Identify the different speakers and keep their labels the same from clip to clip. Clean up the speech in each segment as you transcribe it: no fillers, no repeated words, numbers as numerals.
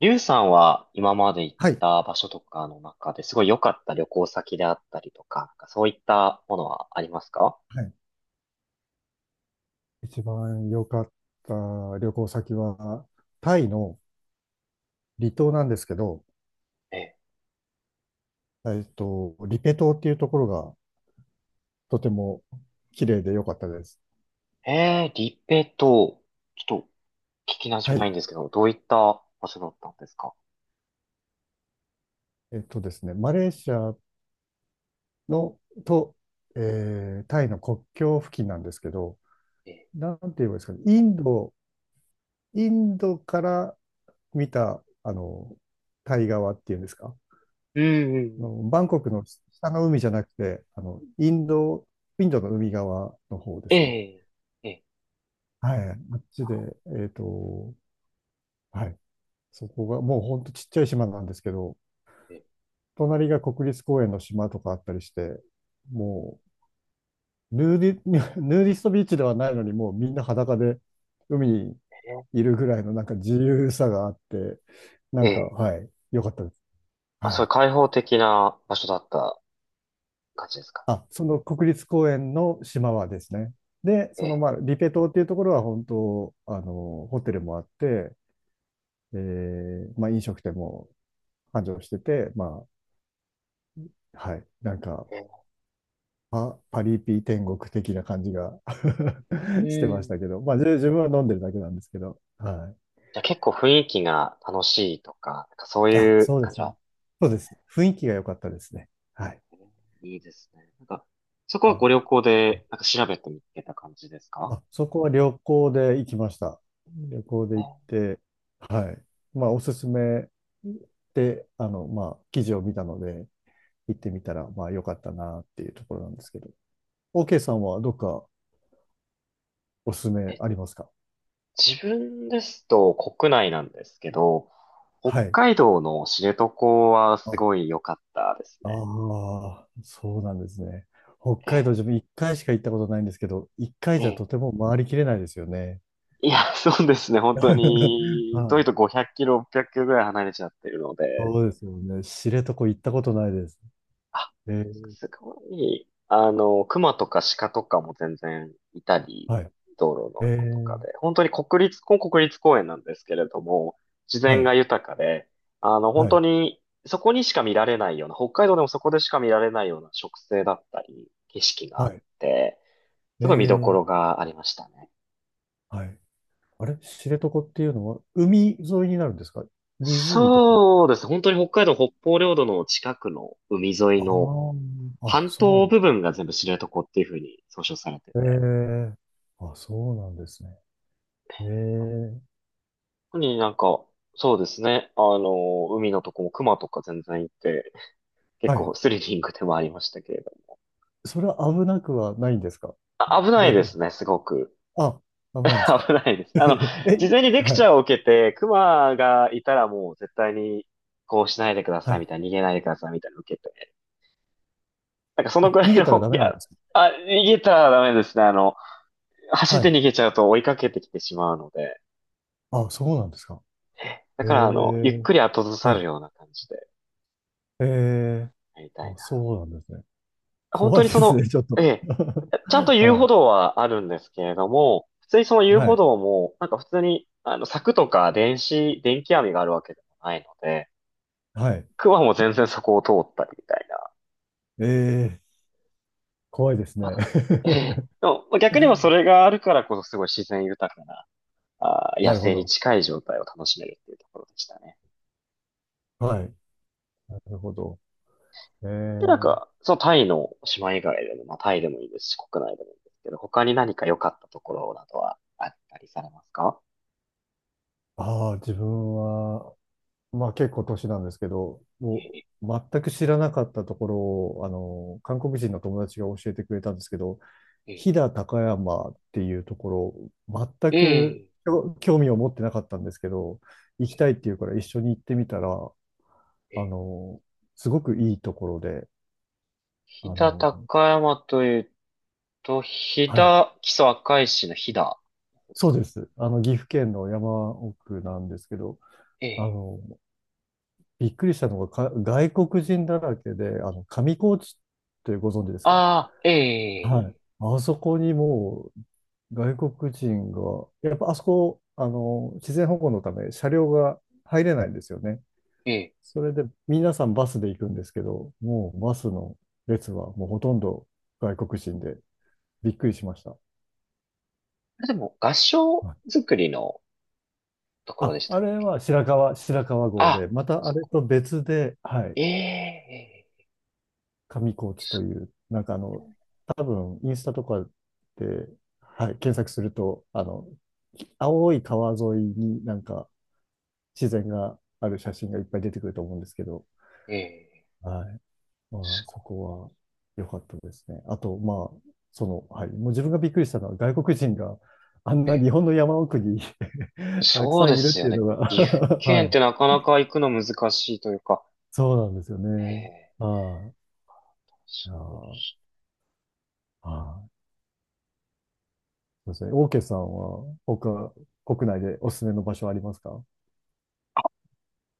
Speaker 1: リュウさんは今まで行っ
Speaker 2: はい。
Speaker 1: た場所とかの中ですごい良かった旅行先であったりとか、なんかそういったものはありますか？
Speaker 2: はい。一番良かった旅行先は、タイの離島なんですけど、
Speaker 1: え、
Speaker 2: リペ島っていうところがとても綺麗で良かったです。
Speaker 1: えー、リペと、ちょっと聞き馴染
Speaker 2: は
Speaker 1: みな
Speaker 2: い。
Speaker 1: いんですけど、どういった場所だったんですか？
Speaker 2: ですね、マレーシアのと、タイの国境付近なんですけど、
Speaker 1: え
Speaker 2: なんて言えばいいですかね、インドから見た、タイ側っていうんですか、
Speaker 1: ー、うんうんうん。
Speaker 2: バンコクの下の海じゃなくて、インドの海側の方で
Speaker 1: え
Speaker 2: すね。
Speaker 1: ー、え
Speaker 2: はい、あっちで、えっと、はい、そこが、もうほんとちっちゃい島なんですけど、
Speaker 1: ー、え
Speaker 2: 隣が国立公園の島とかあったりして、もう、ヌーディ、ヌーディストビーチではないのに、もうみんな裸で海にいるぐらいのなんか自由さがあって、な
Speaker 1: ー、えー、
Speaker 2: んか、
Speaker 1: えー。
Speaker 2: はい、良かったです。
Speaker 1: あ、
Speaker 2: は
Speaker 1: そうい
Speaker 2: い。
Speaker 1: う開放的な場所だった感じですか？
Speaker 2: あ、その国立公園の島はですね。で、
Speaker 1: えー、
Speaker 2: まあ、リペ島っていうところは本当、ホテルもあって、まあ、飲食店も繁盛してて、まあ、はい。なんか、
Speaker 1: え
Speaker 2: パリピ天国的な感じが
Speaker 1: ー、
Speaker 2: して
Speaker 1: う
Speaker 2: ました
Speaker 1: ん。
Speaker 2: けど、まあ、自分は飲んでるだけなんですけど、はい。
Speaker 1: じゃあ結構雰囲気が楽しいとか、なんかそう
Speaker 2: あ、
Speaker 1: いう
Speaker 2: そうで
Speaker 1: 感じ
Speaker 2: すね。
Speaker 1: は？
Speaker 2: そうです。雰囲気が良かったですね。はい。
Speaker 1: いいですね。なんか、そこ
Speaker 2: い
Speaker 1: は
Speaker 2: や
Speaker 1: ご旅行で、なんか調べて見つけた感じですか？
Speaker 2: あ、そこは旅行で行きました。旅行で行って、はい。まあ、おすすめで、まあ、記事を見たので、行ってみたら、まあ、良かったなっていうところなんですけど。OK さんはどっかおすす
Speaker 1: え、
Speaker 2: め
Speaker 1: え。
Speaker 2: ありますか？
Speaker 1: 自分ですと国内なんですけど、北
Speaker 2: はい。
Speaker 1: 海道の知床はす
Speaker 2: あ、
Speaker 1: ごい良かったですね。
Speaker 2: ああ、そうなんですね。北
Speaker 1: え、
Speaker 2: 海道、自分一回しか行ったことないんですけど、一回
Speaker 1: え、
Speaker 2: じゃとても回りきれないですよね。
Speaker 1: いや、そうですね。本当 に、
Speaker 2: は
Speaker 1: 遠い
Speaker 2: い。
Speaker 1: と500キロ、600キロぐらい離れちゃってるので、
Speaker 2: そうですよね。知床行ったことないです。
Speaker 1: あ、
Speaker 2: えー、
Speaker 1: すごい、熊とか鹿とかも全然いたり、
Speaker 2: はい。
Speaker 1: 道路の
Speaker 2: え
Speaker 1: 横とか
Speaker 2: ー、
Speaker 1: で、本当にここ国立公園なんですけれども、自
Speaker 2: は
Speaker 1: 然
Speaker 2: い。
Speaker 1: が豊かで、本
Speaker 2: は
Speaker 1: 当
Speaker 2: い。
Speaker 1: に、そこにしか見られないような、北海道でもそこでしか見られないような植生だったり、景色があ
Speaker 2: は
Speaker 1: っ
Speaker 2: い。
Speaker 1: て、
Speaker 2: え
Speaker 1: すごい見どこ
Speaker 2: ー、
Speaker 1: ろがありましたね。
Speaker 2: はい。あれ、知床っていうのは、海沿いになるんですか？湖とか。
Speaker 1: そうです。本当に北海道北方領土の近くの海沿いの
Speaker 2: ああ、あ、
Speaker 1: 半
Speaker 2: そ
Speaker 1: 島
Speaker 2: う
Speaker 1: 部分が全部知床っていうふうに総称されて
Speaker 2: なん
Speaker 1: て、
Speaker 2: えー、あ、そうなんですね。えー、
Speaker 1: 特になんか、そうですね。海のとこも熊とか全然いて、結
Speaker 2: はい。
Speaker 1: 構スリリングでもありましたけれども。
Speaker 2: それは危なくはないんですか？
Speaker 1: あ危ない
Speaker 2: 大
Speaker 1: で
Speaker 2: 丈夫。
Speaker 1: すね、すごく。
Speaker 2: あ、危 ないんですか？
Speaker 1: 危ないです。事
Speaker 2: え、
Speaker 1: 前にレク
Speaker 2: は
Speaker 1: チ
Speaker 2: い、
Speaker 1: ャーを受けて、熊がいたらもう絶対にこうしないでくだ
Speaker 2: は
Speaker 1: さい
Speaker 2: い。
Speaker 1: みたいな、逃げないでくださいみたいなの受けて。なんかそのくら
Speaker 2: 逃
Speaker 1: い
Speaker 2: げたら
Speaker 1: の、
Speaker 2: ダ
Speaker 1: い
Speaker 2: メなん
Speaker 1: や、
Speaker 2: ですか？
Speaker 1: あ、逃げたらダメですね。走っ
Speaker 2: は
Speaker 1: て
Speaker 2: い。
Speaker 1: 逃げちゃうと追いかけてきてしまうので。
Speaker 2: あ、そうなんですか？
Speaker 1: だ
Speaker 2: え
Speaker 1: からゆっ
Speaker 2: え、
Speaker 1: くり後ずさ
Speaker 2: は
Speaker 1: る
Speaker 2: い。
Speaker 1: ような感じで
Speaker 2: ええ、
Speaker 1: やりたい
Speaker 2: あ、
Speaker 1: な。
Speaker 2: そうなんですね。
Speaker 1: 本当
Speaker 2: 怖い
Speaker 1: に
Speaker 2: ですね、ちょっ
Speaker 1: え
Speaker 2: と。
Speaker 1: え、ちゃんと 遊
Speaker 2: は
Speaker 1: 歩
Speaker 2: い、
Speaker 1: 道はあるんですけれども、普通にその遊
Speaker 2: は
Speaker 1: 歩
Speaker 2: い、
Speaker 1: 道も、なんか普通に、柵とか電気網があるわけでもないので、
Speaker 2: はい。
Speaker 1: クマも全然そこを通ったりみたいな。
Speaker 2: ええ、怖いです
Speaker 1: ま
Speaker 2: ね。
Speaker 1: あ、ええ、でもまあ逆にもそれがあるからこそすごい自然豊かな、野
Speaker 2: なるほ
Speaker 1: 生に
Speaker 2: ど。
Speaker 1: 近い状態を楽しめるっていうところでしたね。
Speaker 2: はい。なるほど。え
Speaker 1: で、
Speaker 2: え、
Speaker 1: そのタイの島以外でも、まあタイでもいいですし、国内でもいいですけど、他に何か良かったところなどはあったりされますか？
Speaker 2: ああ、自分は、まあ結構年なんですけど、も
Speaker 1: え
Speaker 2: う全く知らなかったところを、韓国人の友達が教えてくれたんですけど、
Speaker 1: え、
Speaker 2: 飛騨高山っていうところ、全
Speaker 1: え
Speaker 2: く
Speaker 1: え。
Speaker 2: 興味を持ってなかったんですけど、行きたいっていうから一緒に行ってみたら、あ
Speaker 1: え、
Speaker 2: の、すごくいいところで、あ
Speaker 1: 飛騨
Speaker 2: の、
Speaker 1: 高山というと、飛
Speaker 2: はい、
Speaker 1: 騨、木曽赤石の飛騨の方です
Speaker 2: そう
Speaker 1: かね。
Speaker 2: です。岐阜県の山奥なんですけど、
Speaker 1: え
Speaker 2: あ
Speaker 1: え。
Speaker 2: の、びっくりしたのが、外国人だらけで、上高地ってご存知ですか？
Speaker 1: ああ、え
Speaker 2: はい。
Speaker 1: え、
Speaker 2: あそこにもう外国人が、やっぱあそこ、自然保護のため車両が入れないんですよね。
Speaker 1: ええ。
Speaker 2: それで皆さんバスで行くんですけど、もうバスの列はもうほとんど外国人でびっくりしました。
Speaker 1: あれでも、合
Speaker 2: は
Speaker 1: 掌
Speaker 2: い。
Speaker 1: 作りのところで
Speaker 2: あ、
Speaker 1: した
Speaker 2: あ
Speaker 1: っ
Speaker 2: れ
Speaker 1: け？
Speaker 2: は白川郷で、
Speaker 1: あ、
Speaker 2: またあ
Speaker 1: そ
Speaker 2: れ
Speaker 1: こ。
Speaker 2: と別で、はい、
Speaker 1: ええ、ええ、
Speaker 2: 上高地と
Speaker 1: す
Speaker 2: いう、なんか多分インスタとかで、はい、検索すると、青い川沿いになんか自然がある写真がいっぱい出てくると思うんですけど、
Speaker 1: ええ、
Speaker 2: はい。ま
Speaker 1: す
Speaker 2: あ、そ
Speaker 1: ご
Speaker 2: こは良かったですね。あと、まあ、はい。もう自分がびっくりしたのは、外国人があん
Speaker 1: い。え
Speaker 2: な
Speaker 1: え、
Speaker 2: 日本の山奥に たく
Speaker 1: そう
Speaker 2: さ
Speaker 1: で
Speaker 2: んいる
Speaker 1: す
Speaker 2: って
Speaker 1: よ
Speaker 2: いう
Speaker 1: ね。
Speaker 2: のが
Speaker 1: 岐阜 県っ
Speaker 2: はい。
Speaker 1: てなかなか行くの難しいというか、
Speaker 2: そうなんですよ
Speaker 1: え
Speaker 2: ね。
Speaker 1: え、
Speaker 2: はい。
Speaker 1: す
Speaker 2: いや
Speaker 1: ごいで
Speaker 2: ー、
Speaker 1: す。
Speaker 2: はい。そうですね。オーケーさんは、他、国内でおすすめの場所ありますか？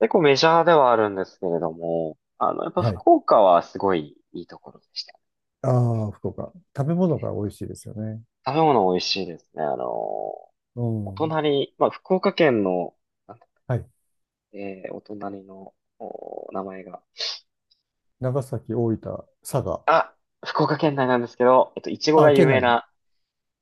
Speaker 1: 結構メジャーではあるんですけれども、やっぱ
Speaker 2: はい。
Speaker 1: 福岡はすごいいいところでした。
Speaker 2: ああ、福岡。食べ物が美味しいですよね。
Speaker 1: 食べ物美味しいですね。お
Speaker 2: うん。
Speaker 1: 隣、まあ、福岡県の、なんだ
Speaker 2: はい。
Speaker 1: えーお隣の、お名前が、
Speaker 2: 長崎、大分、佐賀。
Speaker 1: あ、福岡県内なんですけど、いちごが
Speaker 2: あ、県
Speaker 1: 有名
Speaker 2: 内、
Speaker 1: な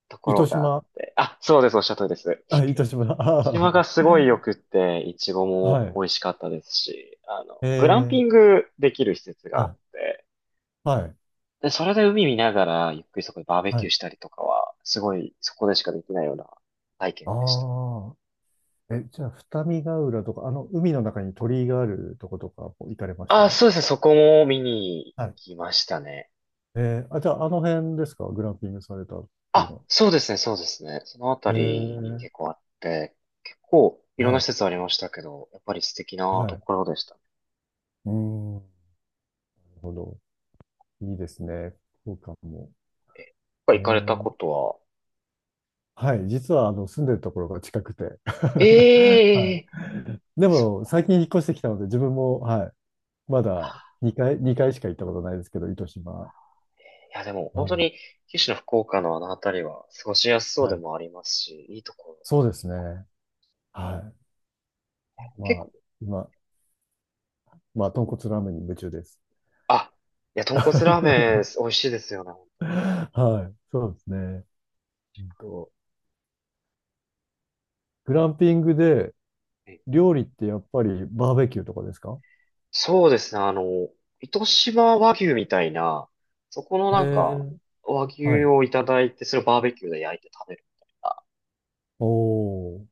Speaker 1: ところ
Speaker 2: 糸
Speaker 1: があっ
Speaker 2: 島、
Speaker 1: て、あ、そうです、おっしゃる通りです。
Speaker 2: あ、糸島、
Speaker 1: 福島
Speaker 2: あ
Speaker 1: がすごい良
Speaker 2: ー、
Speaker 1: くって、いちごも
Speaker 2: はい。
Speaker 1: 美味しかったですし、
Speaker 2: え
Speaker 1: グランピ
Speaker 2: ー、
Speaker 1: ングできる施設が
Speaker 2: は
Speaker 1: あっ
Speaker 2: い、
Speaker 1: て、
Speaker 2: はい、
Speaker 1: で、それで海見ながら、ゆっくりそこでバーベ
Speaker 2: は
Speaker 1: キュー
Speaker 2: い。
Speaker 1: したりとかは、すごい、そこでしかできないような体験でした。
Speaker 2: ああ、え、じゃあ、二見ヶ浦とか、海の中に鳥居があるとことか行かれました？
Speaker 1: あ、そうですね。そこも見に行
Speaker 2: はい。
Speaker 1: きましたね。
Speaker 2: あ、じゃあ、あの辺ですか、グランピングされたっていうの
Speaker 1: あ、
Speaker 2: は？
Speaker 1: そうですね。そうですね。そのあた
Speaker 2: え
Speaker 1: りに
Speaker 2: ー、
Speaker 1: 結構あって、結構いろん
Speaker 2: は
Speaker 1: な施
Speaker 2: い、
Speaker 1: 設ありましたけど、やっぱり素敵な
Speaker 2: は
Speaker 1: と
Speaker 2: い。
Speaker 1: ころでしたね。や
Speaker 2: うーん、なるほど。いいですね。福岡も。
Speaker 1: っぱ
Speaker 2: え
Speaker 1: 行かれた
Speaker 2: ー、
Speaker 1: ことは、
Speaker 2: はい。実は、住んでるところが近くて。
Speaker 1: え
Speaker 2: は
Speaker 1: え
Speaker 2: い。で
Speaker 1: そう
Speaker 2: も、
Speaker 1: だ
Speaker 2: 最近引っ越してきたので、自分も、はい。まだ2回、2回しか行ったことないですけど、糸島。
Speaker 1: ね。いや、でも
Speaker 2: は
Speaker 1: 本当
Speaker 2: い。
Speaker 1: に九州の福岡のあのあたりは過ごしやすそう
Speaker 2: は
Speaker 1: で
Speaker 2: い。
Speaker 1: もありますし、いいところ。
Speaker 2: そうですね。はい。
Speaker 1: 結
Speaker 2: まあ、
Speaker 1: 構、
Speaker 2: 今、まあ、豚骨ラーメンに夢中です。
Speaker 1: あ、いや、豚 骨ラーメン美味しいですよね、本当に。
Speaker 2: はい。そうですね。うんと、グランピングで料理ってやっぱりバーベキューとかですか？
Speaker 1: そうですね。糸島和牛みたいな、そこの
Speaker 2: え
Speaker 1: なんか、
Speaker 2: ー
Speaker 1: 和
Speaker 2: は
Speaker 1: 牛
Speaker 2: い。
Speaker 1: をいただいて、それをバーベキューで焼いて食べるみたいな。
Speaker 2: おー。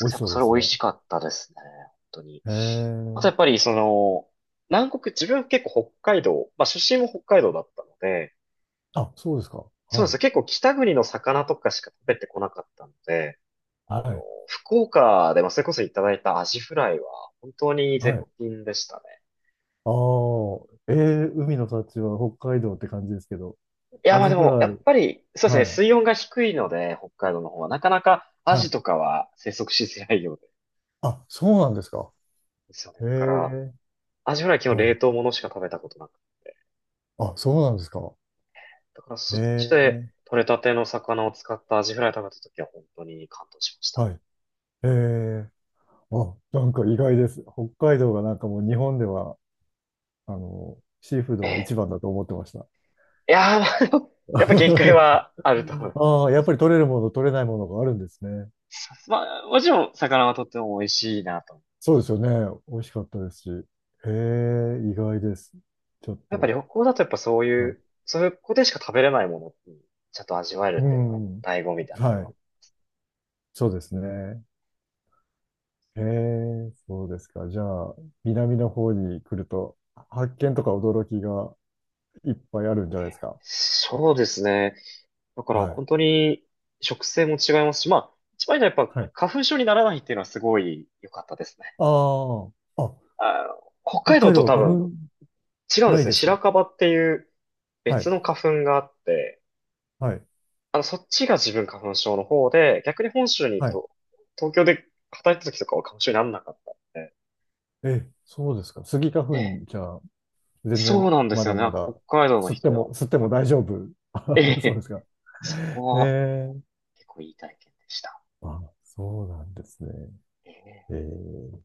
Speaker 2: 美味し
Speaker 1: やっぱ
Speaker 2: そう
Speaker 1: そ
Speaker 2: で
Speaker 1: れ
Speaker 2: す
Speaker 1: 美味
Speaker 2: ね。
Speaker 1: しかったですね。本当に。
Speaker 2: え
Speaker 1: あとや
Speaker 2: ー
Speaker 1: っぱり南国、自分結構北海道、まあ出身も北海道だったので、
Speaker 2: あ、そうですか。
Speaker 1: そうで
Speaker 2: は
Speaker 1: す
Speaker 2: い。
Speaker 1: ね。結構北国の魚とかしか食べてこなかったので、
Speaker 2: は
Speaker 1: あの、
Speaker 2: い。
Speaker 1: 福岡でまあそれこそいただいたアジフライは本当に
Speaker 2: は
Speaker 1: 絶
Speaker 2: い。
Speaker 1: 品でしたね。
Speaker 2: ああ。海の幸は北海道って感じですけど。
Speaker 1: いや、
Speaker 2: ア
Speaker 1: まあ
Speaker 2: ジ
Speaker 1: で
Speaker 2: フ
Speaker 1: も、や
Speaker 2: ラ
Speaker 1: っ
Speaker 2: イ。
Speaker 1: ぱり、そうですね、
Speaker 2: はい。
Speaker 1: 水温が低いので、北海道の方は、なかなかア
Speaker 2: は
Speaker 1: ジ
Speaker 2: い。
Speaker 1: とかは生息しづらいようで、
Speaker 2: あ、そうなんですか？
Speaker 1: ですよね。
Speaker 2: え
Speaker 1: だから、
Speaker 2: え、
Speaker 1: アジフライ基本
Speaker 2: はい。
Speaker 1: 冷凍ものしか食べたことなくて。
Speaker 2: あ、そうなんですか？
Speaker 1: だからそ
Speaker 2: え
Speaker 1: っちで
Speaker 2: え、
Speaker 1: 取れたての魚を使ったアジフライ食べた時は本当に感動しました。
Speaker 2: はい。ええ、あ、なんか意外です。北海道がなんかもう日本では、シーフー
Speaker 1: え
Speaker 2: ドが一
Speaker 1: え。
Speaker 2: 番だと思ってました。
Speaker 1: いやー、まあやっぱ限界はあると思い
Speaker 2: ああ、や
Speaker 1: ま
Speaker 2: っぱり取れるもの、取れないものがあるんですね。
Speaker 1: す。まあ、もちろん魚はとっても美味しいなと思うんで
Speaker 2: そう
Speaker 1: す
Speaker 2: で
Speaker 1: けど。
Speaker 2: すよね。美味しかったですし。へえ、意外です。ちょっ
Speaker 1: やっぱ
Speaker 2: と。
Speaker 1: 旅行だとやっぱそうい
Speaker 2: は
Speaker 1: う、そういうここでしか食べれないものにちゃんと味わえ
Speaker 2: い、
Speaker 1: るっ
Speaker 2: う
Speaker 1: ていうのが
Speaker 2: ん。
Speaker 1: 醍醐味だな
Speaker 2: は
Speaker 1: と。
Speaker 2: い。そうですね。へえ、そうですか。じゃあ、南の方に来ると、発見とか驚きがいっぱいあるんじゃないですか？
Speaker 1: そうですね。だから
Speaker 2: はい。
Speaker 1: 本当に食性も違いますし、まあ、一番じゃやっぱ
Speaker 2: はい。
Speaker 1: 花粉症にならないっていうのはすごい良かったですね。
Speaker 2: ああ、あ、
Speaker 1: 北
Speaker 2: 北
Speaker 1: 海道
Speaker 2: 海
Speaker 1: と
Speaker 2: 道は
Speaker 1: 多
Speaker 2: 花
Speaker 1: 分
Speaker 2: 粉
Speaker 1: 違うんで
Speaker 2: ない
Speaker 1: すね。
Speaker 2: ですか？
Speaker 1: 白樺っていう
Speaker 2: は
Speaker 1: 別
Speaker 2: い。
Speaker 1: の花粉があって、
Speaker 2: はい。
Speaker 1: そっちが自分花粉症の方で、逆に本州に行く
Speaker 2: はい。
Speaker 1: と、東京で働いた時とかは花粉症にならなかったんで、
Speaker 2: え、そうですか。スギ花
Speaker 1: え
Speaker 2: 粉、
Speaker 1: え、
Speaker 2: じゃあ、全
Speaker 1: そう
Speaker 2: 然、
Speaker 1: なんで
Speaker 2: ま
Speaker 1: すよ
Speaker 2: だ
Speaker 1: ね。な
Speaker 2: ま
Speaker 1: んか北
Speaker 2: だ、
Speaker 1: 海道の
Speaker 2: 吸って
Speaker 1: 人は。
Speaker 2: も、吸っても大丈夫。
Speaker 1: え
Speaker 2: あ、そうで
Speaker 1: え、
Speaker 2: すか。
Speaker 1: そこ
Speaker 2: え
Speaker 1: は
Speaker 2: え、
Speaker 1: 結構いい体験でした。
Speaker 2: あ、そうなんですね。
Speaker 1: ええ
Speaker 2: ええ。